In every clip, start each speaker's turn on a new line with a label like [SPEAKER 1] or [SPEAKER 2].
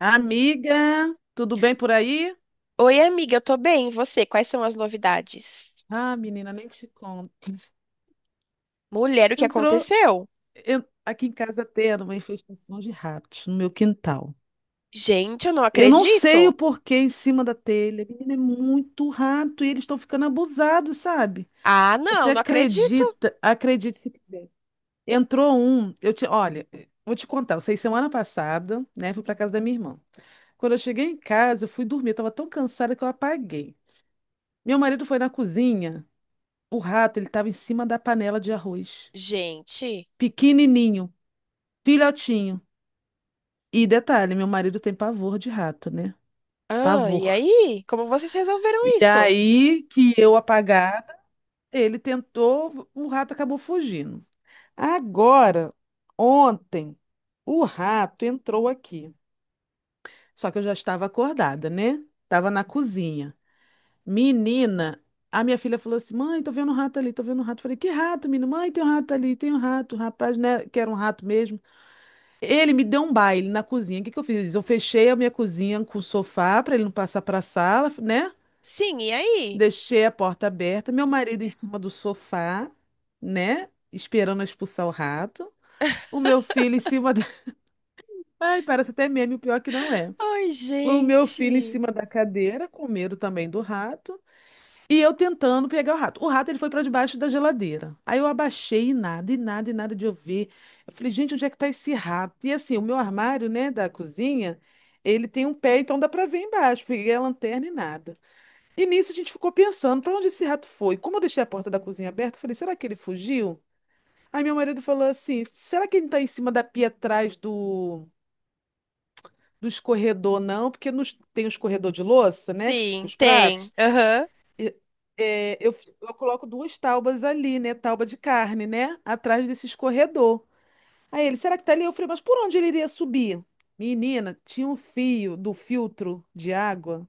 [SPEAKER 1] Amiga, tudo bem por aí?
[SPEAKER 2] Oi, amiga, eu tô bem. E você? Quais são as novidades?
[SPEAKER 1] Ah, menina, nem te conto.
[SPEAKER 2] Mulher, o que
[SPEAKER 1] Entrou,
[SPEAKER 2] aconteceu?
[SPEAKER 1] aqui em casa tendo uma infestação de ratos no meu quintal.
[SPEAKER 2] Gente, eu não
[SPEAKER 1] Eu não sei o
[SPEAKER 2] acredito.
[SPEAKER 1] porquê em cima da telha. Menina, é muito rato e eles estão ficando abusados, sabe?
[SPEAKER 2] Ah,
[SPEAKER 1] Você
[SPEAKER 2] não, não acredito.
[SPEAKER 1] acredita? Acredite se quiser. Entrou um, olha, vou te contar. Eu sei semana passada, né? Fui para casa da minha irmã. Quando eu cheguei em casa, eu fui dormir. Eu tava tão cansada que eu apaguei. Meu marido foi na cozinha. O rato, ele estava em cima da panela de arroz.
[SPEAKER 2] Gente.
[SPEAKER 1] Pequenininho, filhotinho. E detalhe, meu marido tem pavor de rato, né?
[SPEAKER 2] Ah, e
[SPEAKER 1] Pavor.
[SPEAKER 2] aí? Como vocês resolveram
[SPEAKER 1] E
[SPEAKER 2] isso?
[SPEAKER 1] aí que eu apagada, ele tentou, o rato acabou fugindo. Agora, ontem, o rato entrou aqui. Só que eu já estava acordada, né? Estava na cozinha. Menina, a minha filha falou assim: Mãe, tô vendo um rato ali, tô vendo um rato. Falei: Que rato, menino? Mãe, tem um rato ali, tem um rato. Rapaz, né? Que era um rato mesmo. Ele me deu um baile na cozinha. O que que eu fiz? Eu fechei a minha cozinha com o sofá para ele não passar para a sala, né?
[SPEAKER 2] Sim, e aí?
[SPEAKER 1] Deixei a porta aberta, meu marido em cima do sofá, né? Esperando eu expulsar o rato. O meu filho em cima da... Ai, parece até meme, o pior é que não é.
[SPEAKER 2] Ai,
[SPEAKER 1] O meu filho em
[SPEAKER 2] gente.
[SPEAKER 1] cima da cadeira, com medo também do rato. E eu tentando pegar o rato. O rato ele foi para debaixo da geladeira. Aí eu abaixei e nada, e nada, e nada de eu ver. Eu falei, gente, onde é que tá esse rato? E assim, o meu armário, né, da cozinha, ele tem um pé, então dá para ver embaixo. Peguei a lanterna e nada. E nisso a gente ficou pensando, para onde esse rato foi? Como eu deixei a porta da cozinha aberta, eu falei, será que ele fugiu? Aí meu marido falou assim, será que ele não tá em cima da pia atrás do escorredor, não? Porque nos, tem o escorredor de louça, né, que fica
[SPEAKER 2] Sim,
[SPEAKER 1] os pratos.
[SPEAKER 2] tem. Aham.
[SPEAKER 1] Eu coloco duas taubas ali, né? Tauba de carne, né? Atrás desse escorredor. Aí ele, será que tá ali? Eu falei, mas por onde ele iria subir? Menina, tinha um fio do filtro de água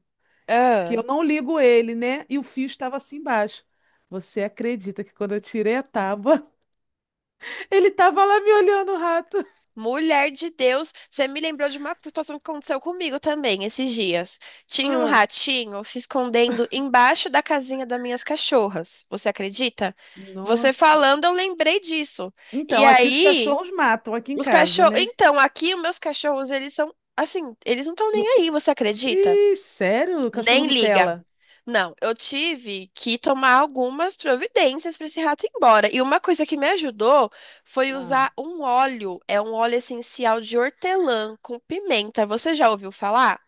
[SPEAKER 1] que eu
[SPEAKER 2] Ah.
[SPEAKER 1] não ligo ele, né? E o fio estava assim embaixo. Você acredita que quando eu tirei a tábua, ele tava lá me olhando, o rato?
[SPEAKER 2] Mulher de Deus, você me lembrou de uma situação que aconteceu comigo também esses dias. Tinha um
[SPEAKER 1] Ah,
[SPEAKER 2] ratinho se escondendo embaixo da casinha das minhas cachorras. Você acredita? Você
[SPEAKER 1] nossa.
[SPEAKER 2] falando, eu lembrei disso. E
[SPEAKER 1] Então, aqui os
[SPEAKER 2] aí,
[SPEAKER 1] cachorros matam aqui em
[SPEAKER 2] os
[SPEAKER 1] casa,
[SPEAKER 2] cachorros.
[SPEAKER 1] né?
[SPEAKER 2] Então, aqui, os meus cachorros, eles são assim, eles não estão nem
[SPEAKER 1] No-
[SPEAKER 2] aí, você acredita?
[SPEAKER 1] Ih, sério? Cachorro
[SPEAKER 2] Nem liga.
[SPEAKER 1] Nutella?
[SPEAKER 2] Não, eu tive que tomar algumas providências para esse rato ir embora. E uma coisa que me ajudou foi
[SPEAKER 1] Ah,
[SPEAKER 2] usar um óleo, é um óleo essencial de hortelã com pimenta. Você já ouviu falar?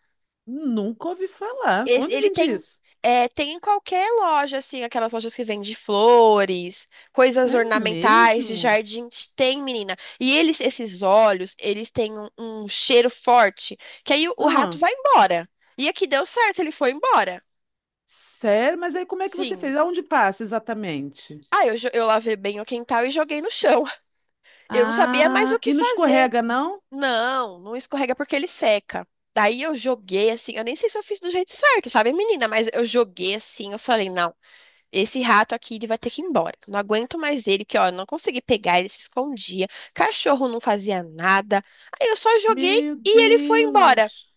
[SPEAKER 1] nunca ouvi falar. Onde
[SPEAKER 2] Ele
[SPEAKER 1] vende
[SPEAKER 2] tem,
[SPEAKER 1] isso?
[SPEAKER 2] tem em qualquer loja, assim, aquelas lojas que vendem flores,
[SPEAKER 1] É
[SPEAKER 2] coisas ornamentais, de
[SPEAKER 1] mesmo?
[SPEAKER 2] jardim, tem, menina. E eles, esses óleos, eles têm um cheiro forte, que aí o rato
[SPEAKER 1] Ah,
[SPEAKER 2] vai embora. E aqui deu certo, ele foi embora.
[SPEAKER 1] sério? Mas aí como é que você
[SPEAKER 2] Sim.
[SPEAKER 1] fez? Aonde passa exatamente?
[SPEAKER 2] Ah, eu, eu lavei bem o quintal e joguei no chão. Eu não sabia mais o
[SPEAKER 1] Ah,
[SPEAKER 2] que
[SPEAKER 1] e não
[SPEAKER 2] fazer.
[SPEAKER 1] escorrega, não?
[SPEAKER 2] Não, não escorrega porque ele seca. Daí eu joguei assim, eu nem sei se eu fiz do jeito certo, sabe, menina? Mas eu joguei assim, eu falei, não, esse rato aqui ele vai ter que ir embora. Não aguento mais ele, porque ó, eu não consegui pegar, ele se escondia. Cachorro não fazia nada. Aí eu só joguei
[SPEAKER 1] Meu
[SPEAKER 2] e ele foi embora.
[SPEAKER 1] Deus.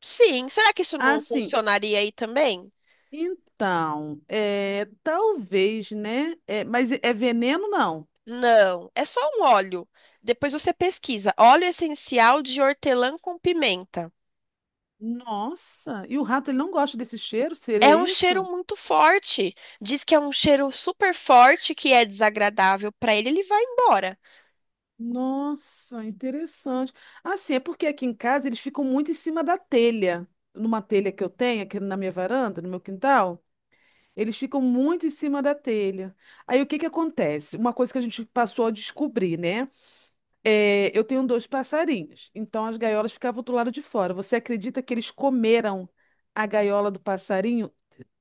[SPEAKER 2] Sim, será que isso
[SPEAKER 1] Ah,
[SPEAKER 2] não
[SPEAKER 1] sim.
[SPEAKER 2] funcionaria aí também?
[SPEAKER 1] Então, é, talvez, né? É, mas é veneno, não?
[SPEAKER 2] Não, é só um óleo. Depois você pesquisa. Óleo essencial de hortelã com pimenta.
[SPEAKER 1] Nossa, e o rato ele não gosta desse cheiro? Seria
[SPEAKER 2] É um
[SPEAKER 1] isso?
[SPEAKER 2] cheiro muito forte. Diz que é um cheiro super forte que é desagradável para ele, ele vai embora.
[SPEAKER 1] Nossa, interessante. Assim, é porque aqui em casa eles ficam muito em cima da telha, numa telha que eu tenho aqui na minha varanda, no meu quintal. Eles ficam muito em cima da telha. Aí o que que acontece? Uma coisa que a gente passou a descobrir, né? É, eu tenho dois passarinhos, então as gaiolas ficavam do lado de fora. Você acredita que eles comeram a gaiola do passarinho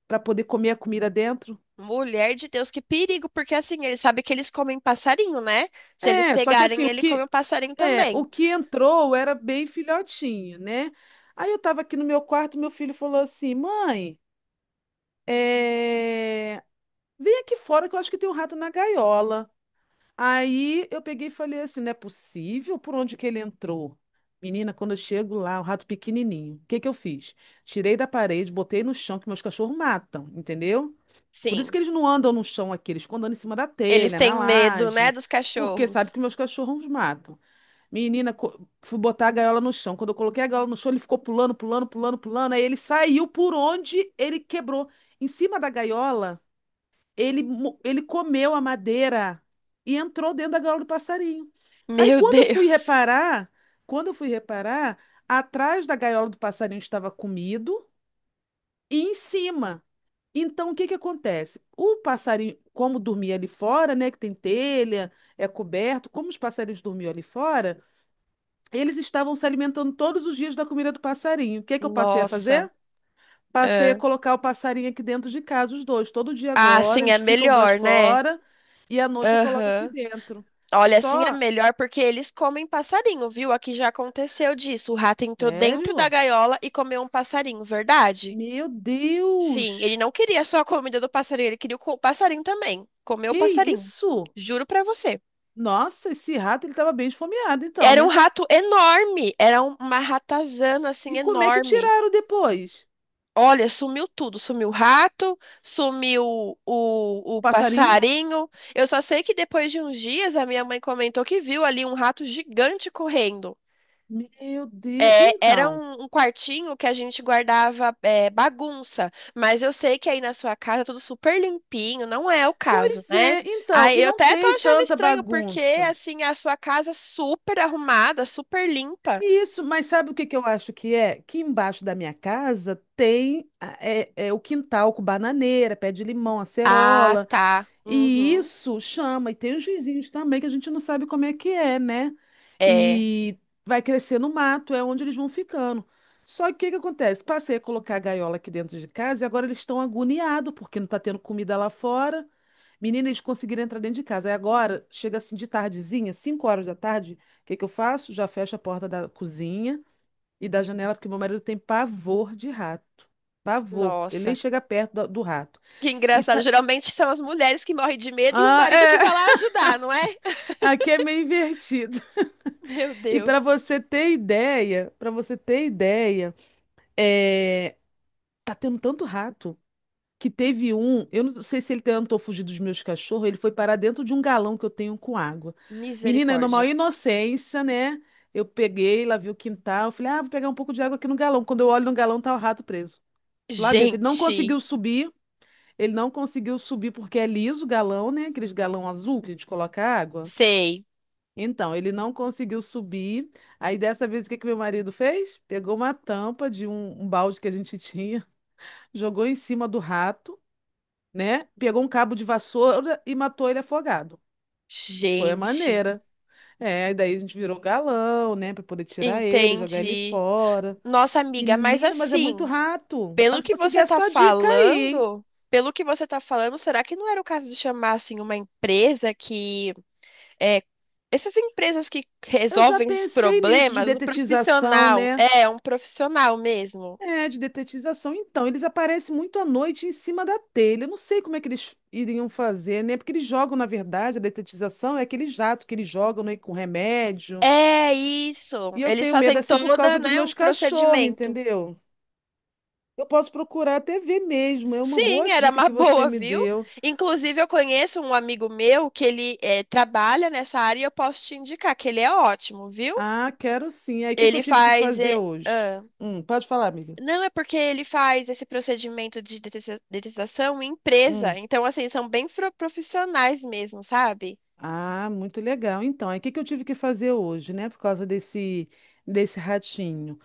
[SPEAKER 1] para poder comer a comida dentro?
[SPEAKER 2] Mulher de Deus, que perigo, porque assim, ele sabe que eles comem passarinho, né? Se eles
[SPEAKER 1] É, só que assim,
[SPEAKER 2] pegarem, ele come o passarinho
[SPEAKER 1] o
[SPEAKER 2] também.
[SPEAKER 1] que entrou era bem filhotinho, né? Aí eu tava aqui no meu quarto, meu filho falou assim: "Mãe, é, vem aqui fora que eu acho que tem um rato na gaiola". Aí eu peguei e falei assim, não é possível por onde que ele entrou? Menina, quando eu chego lá, o rato pequenininho. O que que eu fiz? Tirei da parede, botei no chão, que meus cachorros matam, entendeu? Por isso que
[SPEAKER 2] Sim,
[SPEAKER 1] eles não andam no chão aqui, eles ficam andando em cima da
[SPEAKER 2] eles
[SPEAKER 1] telha,
[SPEAKER 2] têm
[SPEAKER 1] na
[SPEAKER 2] medo, né,
[SPEAKER 1] laje,
[SPEAKER 2] dos
[SPEAKER 1] porque sabe
[SPEAKER 2] cachorros.
[SPEAKER 1] que meus cachorros matam. Menina, fui botar a gaiola no chão. Quando eu coloquei a gaiola no chão, ele ficou pulando, pulando, pulando, pulando. Aí ele saiu por onde ele quebrou. Em cima da gaiola. Ele comeu a madeira e entrou dentro da gaiola do passarinho. Aí
[SPEAKER 2] Meu Deus.
[SPEAKER 1] quando eu fui reparar, atrás da gaiola do passarinho estava comido e em cima. Então o que que acontece? O passarinho, como dormia ali fora, né, que tem telha, é coberto, como os passarinhos dormiam ali fora, eles estavam se alimentando todos os dias da comida do passarinho. O que que eu passei a
[SPEAKER 2] Nossa.
[SPEAKER 1] fazer? Passei a
[SPEAKER 2] Ah,
[SPEAKER 1] colocar o passarinho aqui dentro de casa, os dois. Todo dia
[SPEAKER 2] ah,
[SPEAKER 1] agora,
[SPEAKER 2] sim,
[SPEAKER 1] eles
[SPEAKER 2] é
[SPEAKER 1] ficam do lado de
[SPEAKER 2] melhor, né?
[SPEAKER 1] fora e à noite eu coloco aqui
[SPEAKER 2] Aham.
[SPEAKER 1] dentro.
[SPEAKER 2] Olha, assim é
[SPEAKER 1] Só.
[SPEAKER 2] melhor porque eles comem passarinho, viu? Aqui já aconteceu disso. O rato entrou dentro da
[SPEAKER 1] Sério?
[SPEAKER 2] gaiola e comeu um passarinho, verdade?
[SPEAKER 1] Meu
[SPEAKER 2] Sim, ele
[SPEAKER 1] Deus!
[SPEAKER 2] não queria só a comida do passarinho, ele queria o passarinho também. Comeu o
[SPEAKER 1] Que
[SPEAKER 2] passarinho.
[SPEAKER 1] isso?
[SPEAKER 2] Juro pra você.
[SPEAKER 1] Nossa, esse rato ele estava bem esfomeado, então,
[SPEAKER 2] Era um
[SPEAKER 1] né?
[SPEAKER 2] rato enorme, era uma ratazana
[SPEAKER 1] E
[SPEAKER 2] assim
[SPEAKER 1] como é que
[SPEAKER 2] enorme.
[SPEAKER 1] tiraram depois?
[SPEAKER 2] Olha, sumiu tudo, sumiu o rato, sumiu
[SPEAKER 1] O
[SPEAKER 2] o
[SPEAKER 1] passarinho?
[SPEAKER 2] passarinho. Eu só sei que depois de uns dias a minha mãe comentou que viu ali um rato gigante correndo.
[SPEAKER 1] Meu Deus!
[SPEAKER 2] Era
[SPEAKER 1] Então.
[SPEAKER 2] um quartinho que a gente guardava bagunça, mas eu sei que aí na sua casa é tudo super limpinho, não é o caso,
[SPEAKER 1] Pois
[SPEAKER 2] né?
[SPEAKER 1] é, então. E
[SPEAKER 2] Aí eu
[SPEAKER 1] não
[SPEAKER 2] até tô
[SPEAKER 1] tem
[SPEAKER 2] achando
[SPEAKER 1] tanta
[SPEAKER 2] estranho, porque
[SPEAKER 1] bagunça.
[SPEAKER 2] assim, a sua casa é super arrumada, super limpa.
[SPEAKER 1] Isso, mas sabe o que que eu acho que é? Que embaixo da minha casa tem é o quintal com bananeira, pé de limão,
[SPEAKER 2] Ah,
[SPEAKER 1] acerola.
[SPEAKER 2] tá.
[SPEAKER 1] E
[SPEAKER 2] Uhum.
[SPEAKER 1] isso chama, e tem os vizinhos também, que a gente não sabe como é que é, né?
[SPEAKER 2] É.
[SPEAKER 1] E vai crescer no mato, é onde eles vão ficando. Só que o que que acontece? Passei a colocar a gaiola aqui dentro de casa e agora eles estão agoniados, porque não está tendo comida lá fora. Menina, eles conseguiram entrar dentro de casa. Aí agora, chega assim de tardezinha, 5 horas da tarde, o que que eu faço? Já fecho a porta da cozinha e da janela, porque meu marido tem pavor de rato. Pavor. Ele nem
[SPEAKER 2] Nossa,
[SPEAKER 1] chega perto do rato.
[SPEAKER 2] que
[SPEAKER 1] E
[SPEAKER 2] engraçado.
[SPEAKER 1] tá...
[SPEAKER 2] Geralmente são as mulheres que morrem de medo e o
[SPEAKER 1] Ah,
[SPEAKER 2] marido que
[SPEAKER 1] é.
[SPEAKER 2] vai lá ajudar, não é?
[SPEAKER 1] Aqui é meio invertido.
[SPEAKER 2] Meu
[SPEAKER 1] E
[SPEAKER 2] Deus.
[SPEAKER 1] para você ter ideia, é, tá tendo tanto rato que teve um, eu não sei se ele tentou fugir dos meus cachorros, ele foi parar dentro de um galão que eu tenho com água. Menina, na
[SPEAKER 2] Misericórdia.
[SPEAKER 1] maior inocência, né? Eu peguei, lá vi o quintal, eu falei, ah, vou pegar um pouco de água aqui no galão. Quando eu olho no galão, tá o rato preso lá dentro. Ele não
[SPEAKER 2] Gente,
[SPEAKER 1] conseguiu subir, ele não conseguiu subir porque é liso o galão, né? Aqueles galão azul que a gente coloca água.
[SPEAKER 2] sei.
[SPEAKER 1] Então, ele não conseguiu subir. Aí, dessa vez, o que que meu marido fez? Pegou uma tampa de um, balde que a gente tinha, jogou em cima do rato, né? Pegou um cabo de vassoura e matou ele afogado. Foi a
[SPEAKER 2] Gente,
[SPEAKER 1] maneira. É, e daí a gente virou galão, né? Pra poder tirar ele, jogar ele
[SPEAKER 2] entendi.
[SPEAKER 1] fora.
[SPEAKER 2] Nossa, amiga, mas
[SPEAKER 1] Menina, mas é muito
[SPEAKER 2] assim,
[SPEAKER 1] rato.
[SPEAKER 2] pelo
[SPEAKER 1] Mas
[SPEAKER 2] que
[SPEAKER 1] vou seguir
[SPEAKER 2] você
[SPEAKER 1] a
[SPEAKER 2] tá
[SPEAKER 1] sua dica aí, hein?
[SPEAKER 2] falando, pelo que você tá falando, será que não era o caso de chamar assim uma empresa que é, essas empresas que
[SPEAKER 1] Eu já
[SPEAKER 2] resolvem esses
[SPEAKER 1] pensei nisso de
[SPEAKER 2] problemas, o
[SPEAKER 1] detetização,
[SPEAKER 2] profissional,
[SPEAKER 1] né?
[SPEAKER 2] é um profissional mesmo.
[SPEAKER 1] É, de detetização. Então, eles aparecem muito à noite em cima da telha. Eu não sei como é que eles iriam fazer, né? Porque eles jogam, na verdade, a detetização é aquele jato que eles jogam, né, com remédio.
[SPEAKER 2] É isso.
[SPEAKER 1] E eu
[SPEAKER 2] Eles
[SPEAKER 1] tenho medo,
[SPEAKER 2] fazem
[SPEAKER 1] assim, por causa
[SPEAKER 2] toda,
[SPEAKER 1] dos
[SPEAKER 2] né,
[SPEAKER 1] meus
[SPEAKER 2] um
[SPEAKER 1] cachorros,
[SPEAKER 2] procedimento.
[SPEAKER 1] entendeu? Eu posso procurar até ver mesmo. É uma boa
[SPEAKER 2] Sim, era
[SPEAKER 1] dica
[SPEAKER 2] uma
[SPEAKER 1] que você
[SPEAKER 2] boa,
[SPEAKER 1] me
[SPEAKER 2] viu?
[SPEAKER 1] deu.
[SPEAKER 2] Inclusive, eu conheço um amigo meu que ele trabalha nessa área e eu posso te indicar que ele é ótimo, viu?
[SPEAKER 1] Ah, quero sim. Aí, o que que eu
[SPEAKER 2] Ele
[SPEAKER 1] tive que
[SPEAKER 2] faz.
[SPEAKER 1] fazer hoje?
[SPEAKER 2] Ah.
[SPEAKER 1] Pode falar, amiga.
[SPEAKER 2] Não, é porque ele faz esse procedimento de detetização em empresa.
[SPEAKER 1] Hum.
[SPEAKER 2] Então, assim, são bem profissionais mesmo, sabe?
[SPEAKER 1] Ah, muito legal. Então, aí, o que que eu tive que fazer hoje, né? Por causa desse ratinho.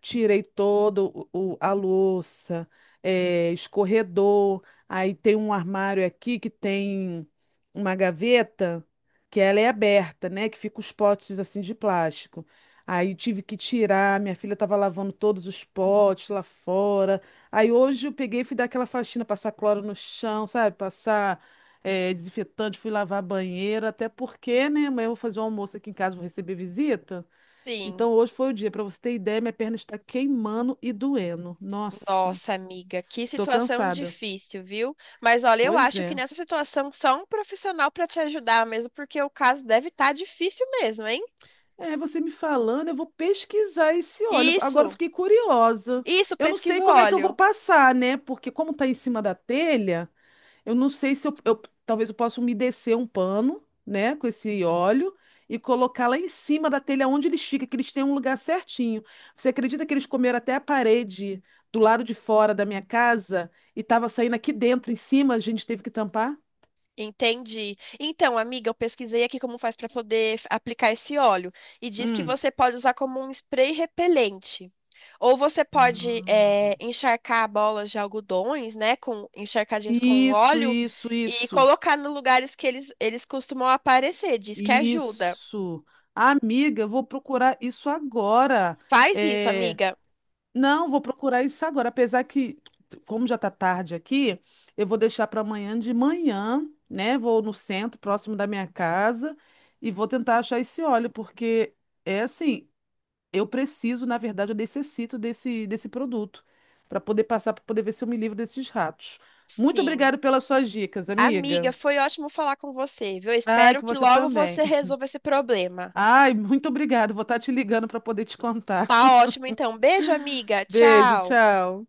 [SPEAKER 1] Tirei todo o, a louça, escorredor. Aí tem um armário aqui que tem uma gaveta que ela é aberta, né? Que fica os potes assim de plástico. Aí tive que tirar, minha filha estava lavando todos os potes lá fora. Aí hoje eu peguei e fui dar aquela faxina, passar cloro no chão, sabe? Passar desinfetante, fui lavar a banheira, até porque, né? Amanhã eu vou fazer um almoço aqui em casa, vou receber visita. Então
[SPEAKER 2] Sim.
[SPEAKER 1] hoje foi o dia. Para você ter ideia, minha perna está queimando e doendo. Nossa,
[SPEAKER 2] Nossa, amiga, que
[SPEAKER 1] tô
[SPEAKER 2] situação
[SPEAKER 1] cansada.
[SPEAKER 2] difícil, viu? Mas olha, eu
[SPEAKER 1] Pois
[SPEAKER 2] acho que
[SPEAKER 1] é.
[SPEAKER 2] nessa situação só um profissional pra te ajudar mesmo, porque o caso deve estar difícil mesmo, hein?
[SPEAKER 1] É, você me falando, eu vou pesquisar esse óleo. Agora eu
[SPEAKER 2] Isso,
[SPEAKER 1] fiquei curiosa.
[SPEAKER 2] isso,
[SPEAKER 1] Eu não sei
[SPEAKER 2] pesquisa o
[SPEAKER 1] como é que eu vou
[SPEAKER 2] óleo.
[SPEAKER 1] passar, né? Porque como tá em cima da telha, eu não sei se talvez eu possa umedecer um pano, né, com esse óleo e colocar lá em cima da telha onde eles ficam, que eles têm um lugar certinho. Você acredita que eles comeram até a parede do lado de fora da minha casa e estava saindo aqui dentro, em cima, a gente teve que tampar?
[SPEAKER 2] Entendi. Então, amiga, eu pesquisei aqui como faz para poder aplicar esse óleo e diz que
[SPEAKER 1] Hum.
[SPEAKER 2] você pode usar como um spray repelente. Ou você pode
[SPEAKER 1] Ah.
[SPEAKER 2] encharcar bolas de algodões, né, com encharcadinhos com
[SPEAKER 1] Isso,
[SPEAKER 2] óleo
[SPEAKER 1] isso,
[SPEAKER 2] e
[SPEAKER 1] isso,
[SPEAKER 2] colocar nos lugares que eles costumam aparecer. Diz que ajuda.
[SPEAKER 1] isso. Amiga, eu vou procurar isso agora.
[SPEAKER 2] Faz isso,
[SPEAKER 1] É,
[SPEAKER 2] amiga.
[SPEAKER 1] não, vou procurar isso agora. Apesar que, como já tá tarde aqui, eu vou deixar para amanhã de manhã, né? Vou no centro, próximo da minha casa, e vou tentar achar esse óleo, porque é assim, eu preciso, na verdade, eu necessito desse produto para poder passar, para poder ver se eu me livro desses ratos. Muito
[SPEAKER 2] Sim.
[SPEAKER 1] obrigado pelas suas dicas, amiga.
[SPEAKER 2] Amiga, foi ótimo falar com você, viu?
[SPEAKER 1] Ai,
[SPEAKER 2] Espero
[SPEAKER 1] que
[SPEAKER 2] que
[SPEAKER 1] você
[SPEAKER 2] logo
[SPEAKER 1] também.
[SPEAKER 2] você resolva esse problema.
[SPEAKER 1] Ai, muito obrigado. Vou estar te ligando para poder te contar.
[SPEAKER 2] Tá ótimo, então. Beijo, amiga.
[SPEAKER 1] Beijo,
[SPEAKER 2] Tchau.
[SPEAKER 1] tchau.